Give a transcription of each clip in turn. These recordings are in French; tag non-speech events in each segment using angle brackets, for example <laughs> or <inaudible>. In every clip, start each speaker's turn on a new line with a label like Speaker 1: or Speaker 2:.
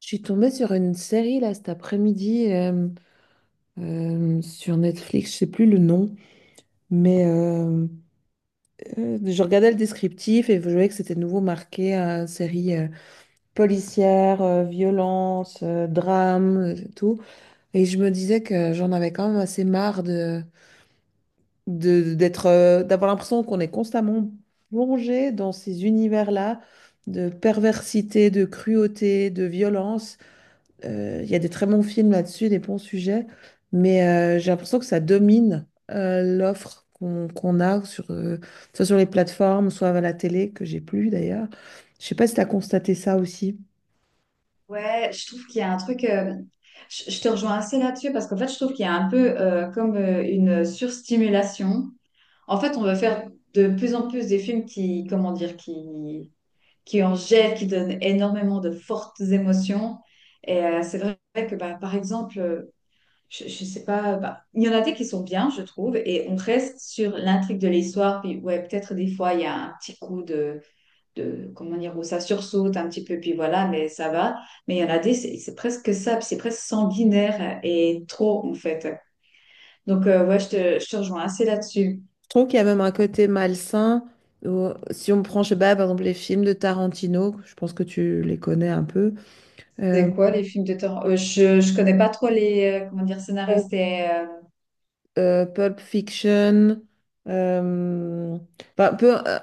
Speaker 1: Je suis tombée sur une série là cet après-midi sur Netflix, je sais plus le nom, mais je regardais le descriptif et je voyais que c'était de nouveau marqué série policière, violence, drame, tout. Et je me disais que j'en avais quand même assez marre d'être, d'avoir l'impression qu'on est constamment plongé dans ces univers-là de perversité, de cruauté, de violence. Il y a des très bons films là-dessus, des bons sujets, mais j'ai l'impression que ça domine l'offre qu'on a, sur, soit sur les plateformes, soit à la télé, que j'ai plus d'ailleurs. Je sais pas si tu as constaté ça aussi.
Speaker 2: Ouais, je trouve qu'il y a un truc. Je te rejoins assez là-dessus parce qu'en fait, je trouve qu'il y a un peu comme une surstimulation. En fait, on veut faire de plus en plus des films qui, comment dire, qui en jettent, qui donnent énormément de fortes émotions. C'est vrai que, bah, par exemple, je sais pas, bah, il y en a des qui sont bien, je trouve, et on reste sur l'intrigue de l'histoire. Puis, ouais, peut-être des fois, il y a un petit coup de comment dire où ça sursaute un petit peu, puis voilà, mais ça va. Mais il y en a des, c'est presque ça, c'est presque sanguinaire et trop en fait. Donc ouais, je te rejoins assez là-dessus.
Speaker 1: Je trouve qu'il y a même un côté malsain. Si on prend, je sais pas, par exemple, les films de Tarantino, je pense que tu les connais un peu. Euh,
Speaker 2: C'est quoi les films de terreur? Je connais pas trop les comment dire scénaristes et
Speaker 1: Pulp Fiction, euh, bah,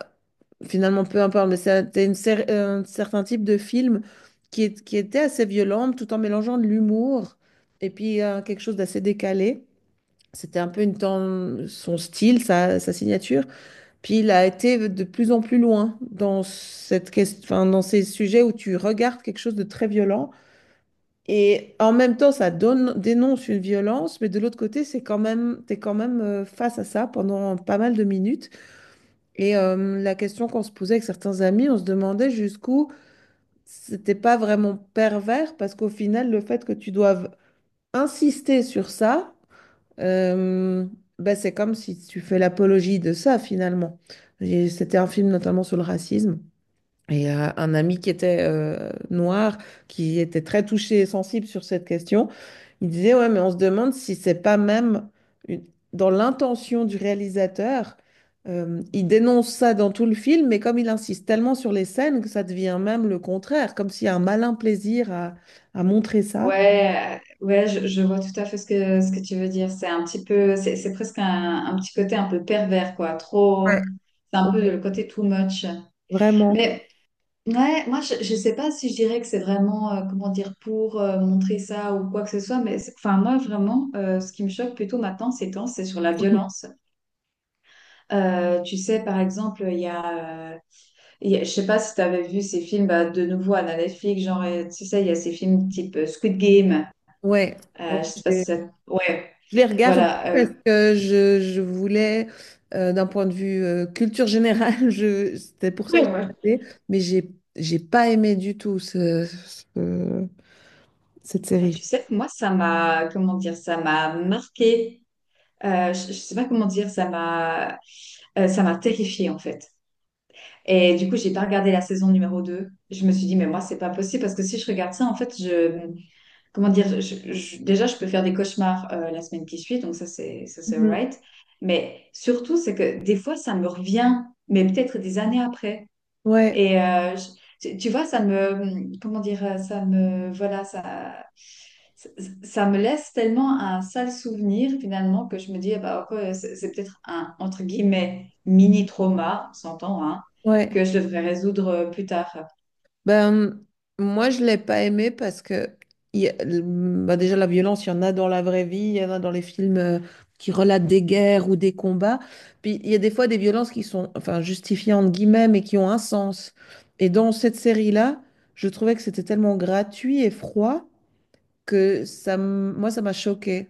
Speaker 1: finalement peu importe, mais c'était un certain type de film qui, qui était assez violent tout en mélangeant de l'humour et puis quelque chose d'assez décalé. C'était un peu son style, sa signature. Puis il a été de plus en plus loin dans enfin, dans ces sujets où tu regardes quelque chose de très violent et en même temps, ça donne, dénonce une violence, mais de l'autre côté, c'est quand même, t'es quand même face à ça pendant pas mal de minutes. Et la question qu'on se posait avec certains amis, on se demandait jusqu'où c'était pas vraiment pervers, parce qu'au final, le fait que tu doives insister sur ça, euh, ben, c'est comme si tu fais l'apologie de ça finalement. Et c'était un film notamment sur le racisme. Et un ami qui était noir, qui était très touché et sensible sur cette question, il disait, ouais, mais on se demande si c'est pas même une- dans l'intention du réalisateur. Il dénonce ça dans tout le film, mais comme il insiste tellement sur les scènes que ça devient même le contraire, comme s'il y a un malin plaisir à montrer ça.
Speaker 2: ouais. Je vois tout à fait ce que tu veux dire, c'est un petit peu, c'est presque un, petit côté un peu pervers, quoi,
Speaker 1: Ouais.
Speaker 2: trop. C'est un peu
Speaker 1: Ouais,
Speaker 2: le côté too much,
Speaker 1: vraiment.
Speaker 2: mais... Ouais, moi je sais pas si je dirais que c'est vraiment comment dire pour montrer ça ou quoi que ce soit, mais enfin moi vraiment ce qui me choque plutôt maintenant ces temps c'est sur la violence. Tu sais par exemple je sais pas si tu avais vu ces films, bah, de nouveau à la Netflix, genre tu sais il y a ces films type Squid Game,
Speaker 1: Ouais.
Speaker 2: je sais pas si ça... Ouais,
Speaker 1: Je l'ai regardé
Speaker 2: voilà,
Speaker 1: parce que je voulais, d'un point de vue culture générale, <laughs> je, c'était pour ça que j'ai regardé, mais j'ai pas aimé du tout ce- cette
Speaker 2: mais
Speaker 1: série.
Speaker 2: tu sais, que moi, ça m'a, comment dire, ça m'a marqué. Je sais pas comment dire, ça m'a terrifiée en fait. Et du coup, j'ai pas regardé la saison numéro deux. Je me suis dit, mais moi, c'est pas possible parce que si je regarde ça, en fait, je, comment dire, déjà, je peux faire des cauchemars la semaine qui suit, donc ça, c'est
Speaker 1: Mhm.
Speaker 2: alright. Mais surtout, c'est que des fois, ça me revient, mais peut-être des années après.
Speaker 1: Ouais,
Speaker 2: Et tu vois, ça me, comment dire, ça me, voilà, ça, ça me laisse tellement un sale souvenir finalement que je me dis, ah bah, ok, c'est peut-être un, entre guillemets, mini-trauma, on s'entend, hein,
Speaker 1: ouais.
Speaker 2: que je devrais résoudre plus tard.
Speaker 1: Ben, moi, je l'ai pas aimé parce que ben, déjà, la violence, il y en a dans la vraie vie, il y en a dans les films qui relatent des guerres ou des combats. Puis, il y a des fois des violences qui sont, enfin, justifiées entre guillemets, mais qui ont un sens. Et dans cette série-là, je trouvais que c'était tellement gratuit et froid que moi, ça m'a choqué.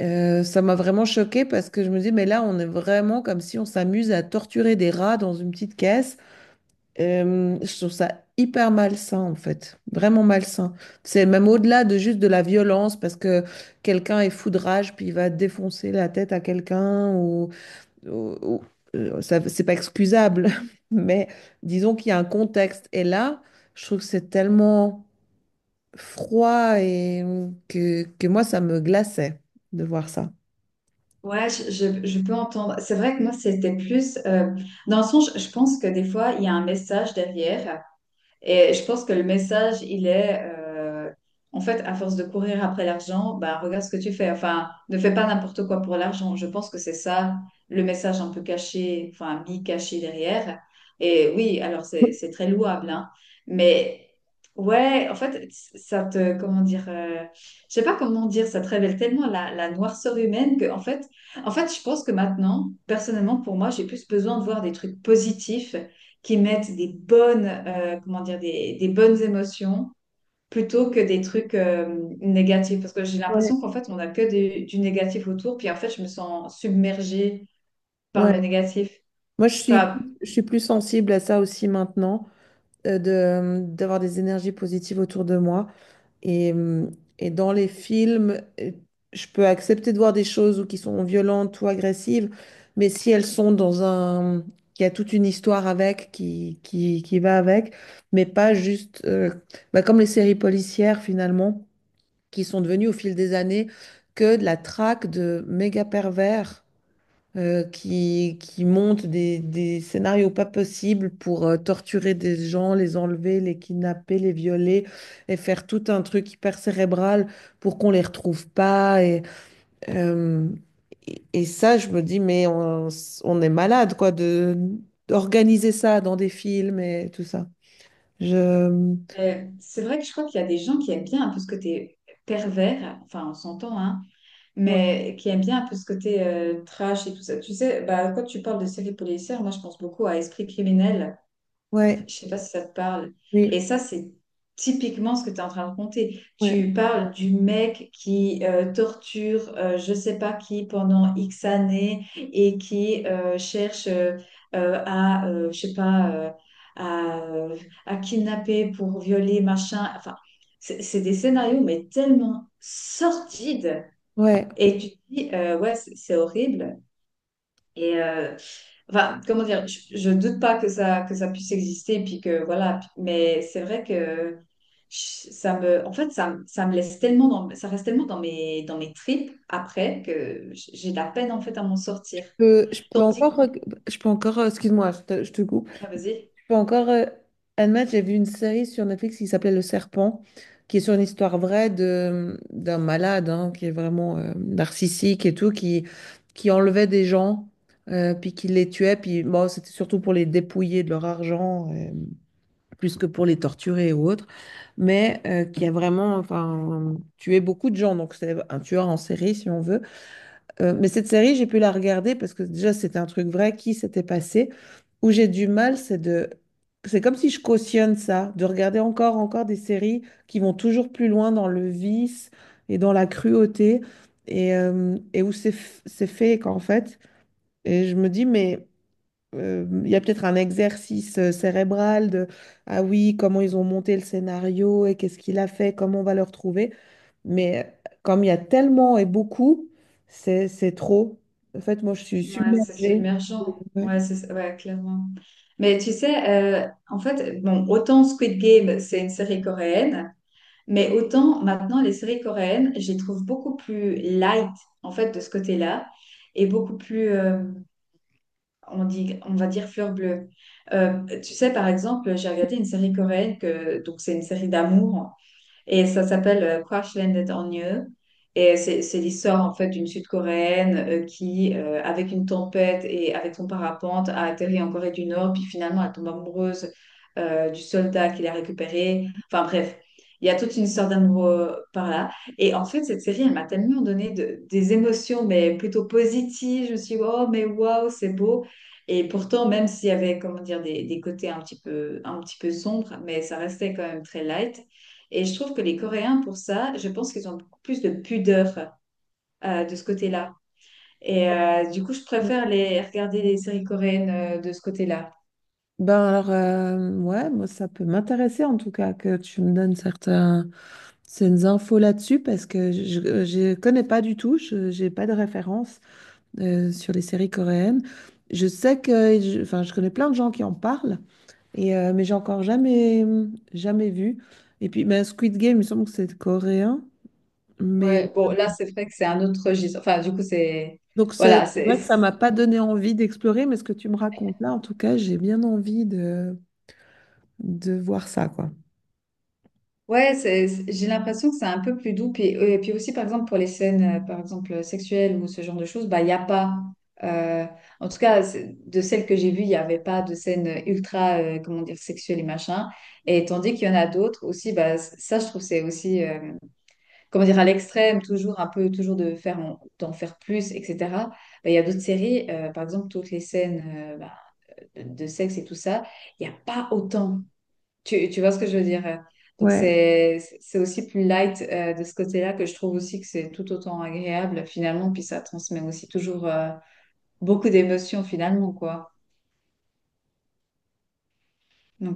Speaker 1: Ça m'a vraiment choqué parce que je me dis, mais là, on est vraiment comme si on s'amuse à torturer des rats dans une petite caisse. Je trouve ça hyper malsain en fait, vraiment malsain. C'est même au-delà de juste de la violence parce que quelqu'un est fou de rage puis il va défoncer la tête à quelqu'un ou ça, c'est pas excusable. <laughs> Mais disons qu'il y a un contexte et là, je trouve que c'est tellement froid et que moi ça me glaçait de voir ça.
Speaker 2: Ouais, je peux entendre. C'est vrai que moi, c'était plus, dans le sens, je pense que des fois, il y a un message derrière. Et je pense que le message, il est, en fait, à force de courir après l'argent, bah, regarde ce que tu fais. Enfin, ne fais pas n'importe quoi pour l'argent. Je pense que c'est ça le message un peu caché, enfin, mi-caché derrière. Et oui, alors c'est très louable, hein. Mais ouais, en fait, ça te, comment dire, je sais pas comment dire, ça te révèle tellement la, noirceur humaine que, en fait, je pense que maintenant, personnellement, pour moi, j'ai plus besoin de voir des trucs positifs qui mettent des bonnes, comment dire, bonnes émotions plutôt que des trucs négatifs. Parce que j'ai
Speaker 1: Ouais,
Speaker 2: l'impression qu'en fait, on n'a que des, du négatif autour. Puis en fait, je me sens submergée par
Speaker 1: ouais.
Speaker 2: le négatif.
Speaker 1: Moi,
Speaker 2: Enfin,
Speaker 1: je suis plus sensible à ça aussi maintenant. De, d'avoir des énergies positives autour de moi. Et, euh, et dans les films, je peux accepter de voir des choses ou qui sont violentes ou agressives, mais si elles sont dans un… qu'il y a toute une histoire avec, qui va avec, mais pas juste… bah, comme les séries policières, finalement, qui sont devenues au fil des années que de la traque de méga pervers qui montent des scénarios pas possibles pour torturer des gens, les enlever, les kidnapper, les violer et faire tout un truc hyper cérébral pour qu'on les retrouve pas. Et, euh, et ça, je me dis, mais on est malade, quoi, de, d'organiser ça dans des films et tout ça. Je…
Speaker 2: c'est vrai que je crois qu'il y a des gens qui aiment bien un peu ce côté pervers, enfin on s'entend, hein,
Speaker 1: Ouais,
Speaker 2: mais qui aiment bien un peu ce côté trash et tout ça. Tu sais, bah, quand tu parles de séries policières, moi je pense beaucoup à Esprit criminel. Je ne
Speaker 1: ouais,
Speaker 2: sais pas si ça te parle. Et
Speaker 1: oui.
Speaker 2: ça, c'est typiquement ce que tu es en train de raconter.
Speaker 1: Ouais.
Speaker 2: Tu parles du mec qui torture je ne sais pas qui pendant X années et qui cherche je sais pas, à, euh, à kidnapper pour violer, machin. Enfin, c'est des scénarios, mais tellement sordides.
Speaker 1: Ouais,
Speaker 2: Et tu te dis, ouais, c'est horrible. Et enfin, comment dire, je doute pas que ça, que ça puisse exister, puis que voilà, mais c'est vrai que ça me, en fait, ça me laisse tellement dans, ça reste tellement dans mes tripes après que j'ai de la peine en fait à m'en sortir.
Speaker 1: je peux
Speaker 2: Tandis
Speaker 1: encore,
Speaker 2: que...
Speaker 1: je peux encore, excuse-moi, je te coupe.
Speaker 2: ah, vas-y,
Speaker 1: Je encore un match, j'ai vu une série sur Netflix qui s'appelait Le Serpent, qui est sur une histoire vraie de d'un malade hein, qui est vraiment narcissique et tout, qui enlevait des gens, puis qui les tuait, puis bon, c'était surtout pour les dépouiller de leur argent, plus que pour les torturer ou autre, mais qui a vraiment enfin, tué beaucoup de gens, donc c'est un tueur en série si on veut. Mais cette série, j'ai pu la regarder parce que déjà, c'était un truc vrai qui s'était passé. Où j'ai du mal, c'est de… C'est comme si je cautionne ça, de regarder encore, encore des séries qui vont toujours plus loin dans le vice et dans la cruauté et où c'est fake en fait. Et je me dis, mais il y a peut-être un exercice cérébral de, ah oui, comment ils ont monté le scénario et qu'est-ce qu'il a fait, comment on va le retrouver. Mais comme il y a tellement et beaucoup, c'est trop. En fait, moi, je suis
Speaker 2: ouais, c'est
Speaker 1: submergée.
Speaker 2: submergent,
Speaker 1: Ouais.
Speaker 2: ouais, ouais, clairement. Mais tu sais, en fait, bon, autant Squid Game, c'est une série coréenne. Mais autant maintenant, les séries coréennes, je les trouve beaucoup plus light, en fait, de ce côté-là, et beaucoup plus, on dit, on va dire, fleur bleue. Tu sais, par exemple, j'ai regardé une série coréenne, que, donc c'est une série d'amour, et ça s'appelle Crash Landed on You. Et c'est l'histoire en fait d'une Sud-Coréenne qui, avec une tempête et avec son parapente, a atterri en Corée du Nord, puis finalement elle tombe amoureuse du soldat qui l'a récupéré. Enfin bref, il y a toute une histoire d'amour par là. Et en fait, cette série, elle m'a tellement donné des émotions, mais plutôt positives. Je me suis dit, oh, mais waouh, c'est beau. Et pourtant, même s'il y avait, comment dire, des côtés un petit peu sombres, mais ça restait quand même très light. Et je trouve que les Coréens, pour ça, je pense qu'ils ont beaucoup plus de pudeur de ce côté-là. Et du coup, je
Speaker 1: Ouais.
Speaker 2: préfère regarder les séries coréennes de ce côté-là.
Speaker 1: Ben alors, ouais, moi, ça peut m'intéresser en tout cas que tu me donnes certaines infos là-dessus parce que je connais pas du tout, je j'ai pas de référence sur les séries coréennes. Je sais que, enfin, je connais plein de gens qui en parlent, et, mais j'ai encore jamais vu. Et puis, ben, Squid Game, il me semble que c'est coréen, mais
Speaker 2: Ouais, bon, là, c'est vrai que c'est un autre registre. Enfin, du coup, c'est...
Speaker 1: donc
Speaker 2: Voilà,
Speaker 1: c'est
Speaker 2: c'est...
Speaker 1: vrai que ça m'a pas donné envie d'explorer, mais ce que tu me racontes là, en tout cas, j'ai bien envie de voir ça, quoi.
Speaker 2: Ouais, j'ai l'impression que c'est un peu plus doux. Puis, et puis aussi, par exemple, pour les scènes, par exemple, sexuelles ou ce genre de choses, bah, il n'y a pas. euh, En tout cas, de celles que j'ai vues, il n'y avait pas de scènes ultra, comment dire, sexuelles et machin. Et tandis qu'il y en a d'autres aussi, bah, ça, je trouve, c'est aussi, comment dire, à l'extrême, toujours un peu, toujours de faire, d'en faire plus, etc. Bah, il y a d'autres séries, par exemple, toutes les scènes, bah, de sexe et tout ça, il n'y a pas autant. Tu vois ce que je veux dire? Donc,
Speaker 1: Ouais.
Speaker 2: c'est aussi plus light de ce côté-là que je trouve aussi que c'est tout autant agréable finalement. Puis ça transmet aussi toujours beaucoup d'émotions finalement, quoi. Donc,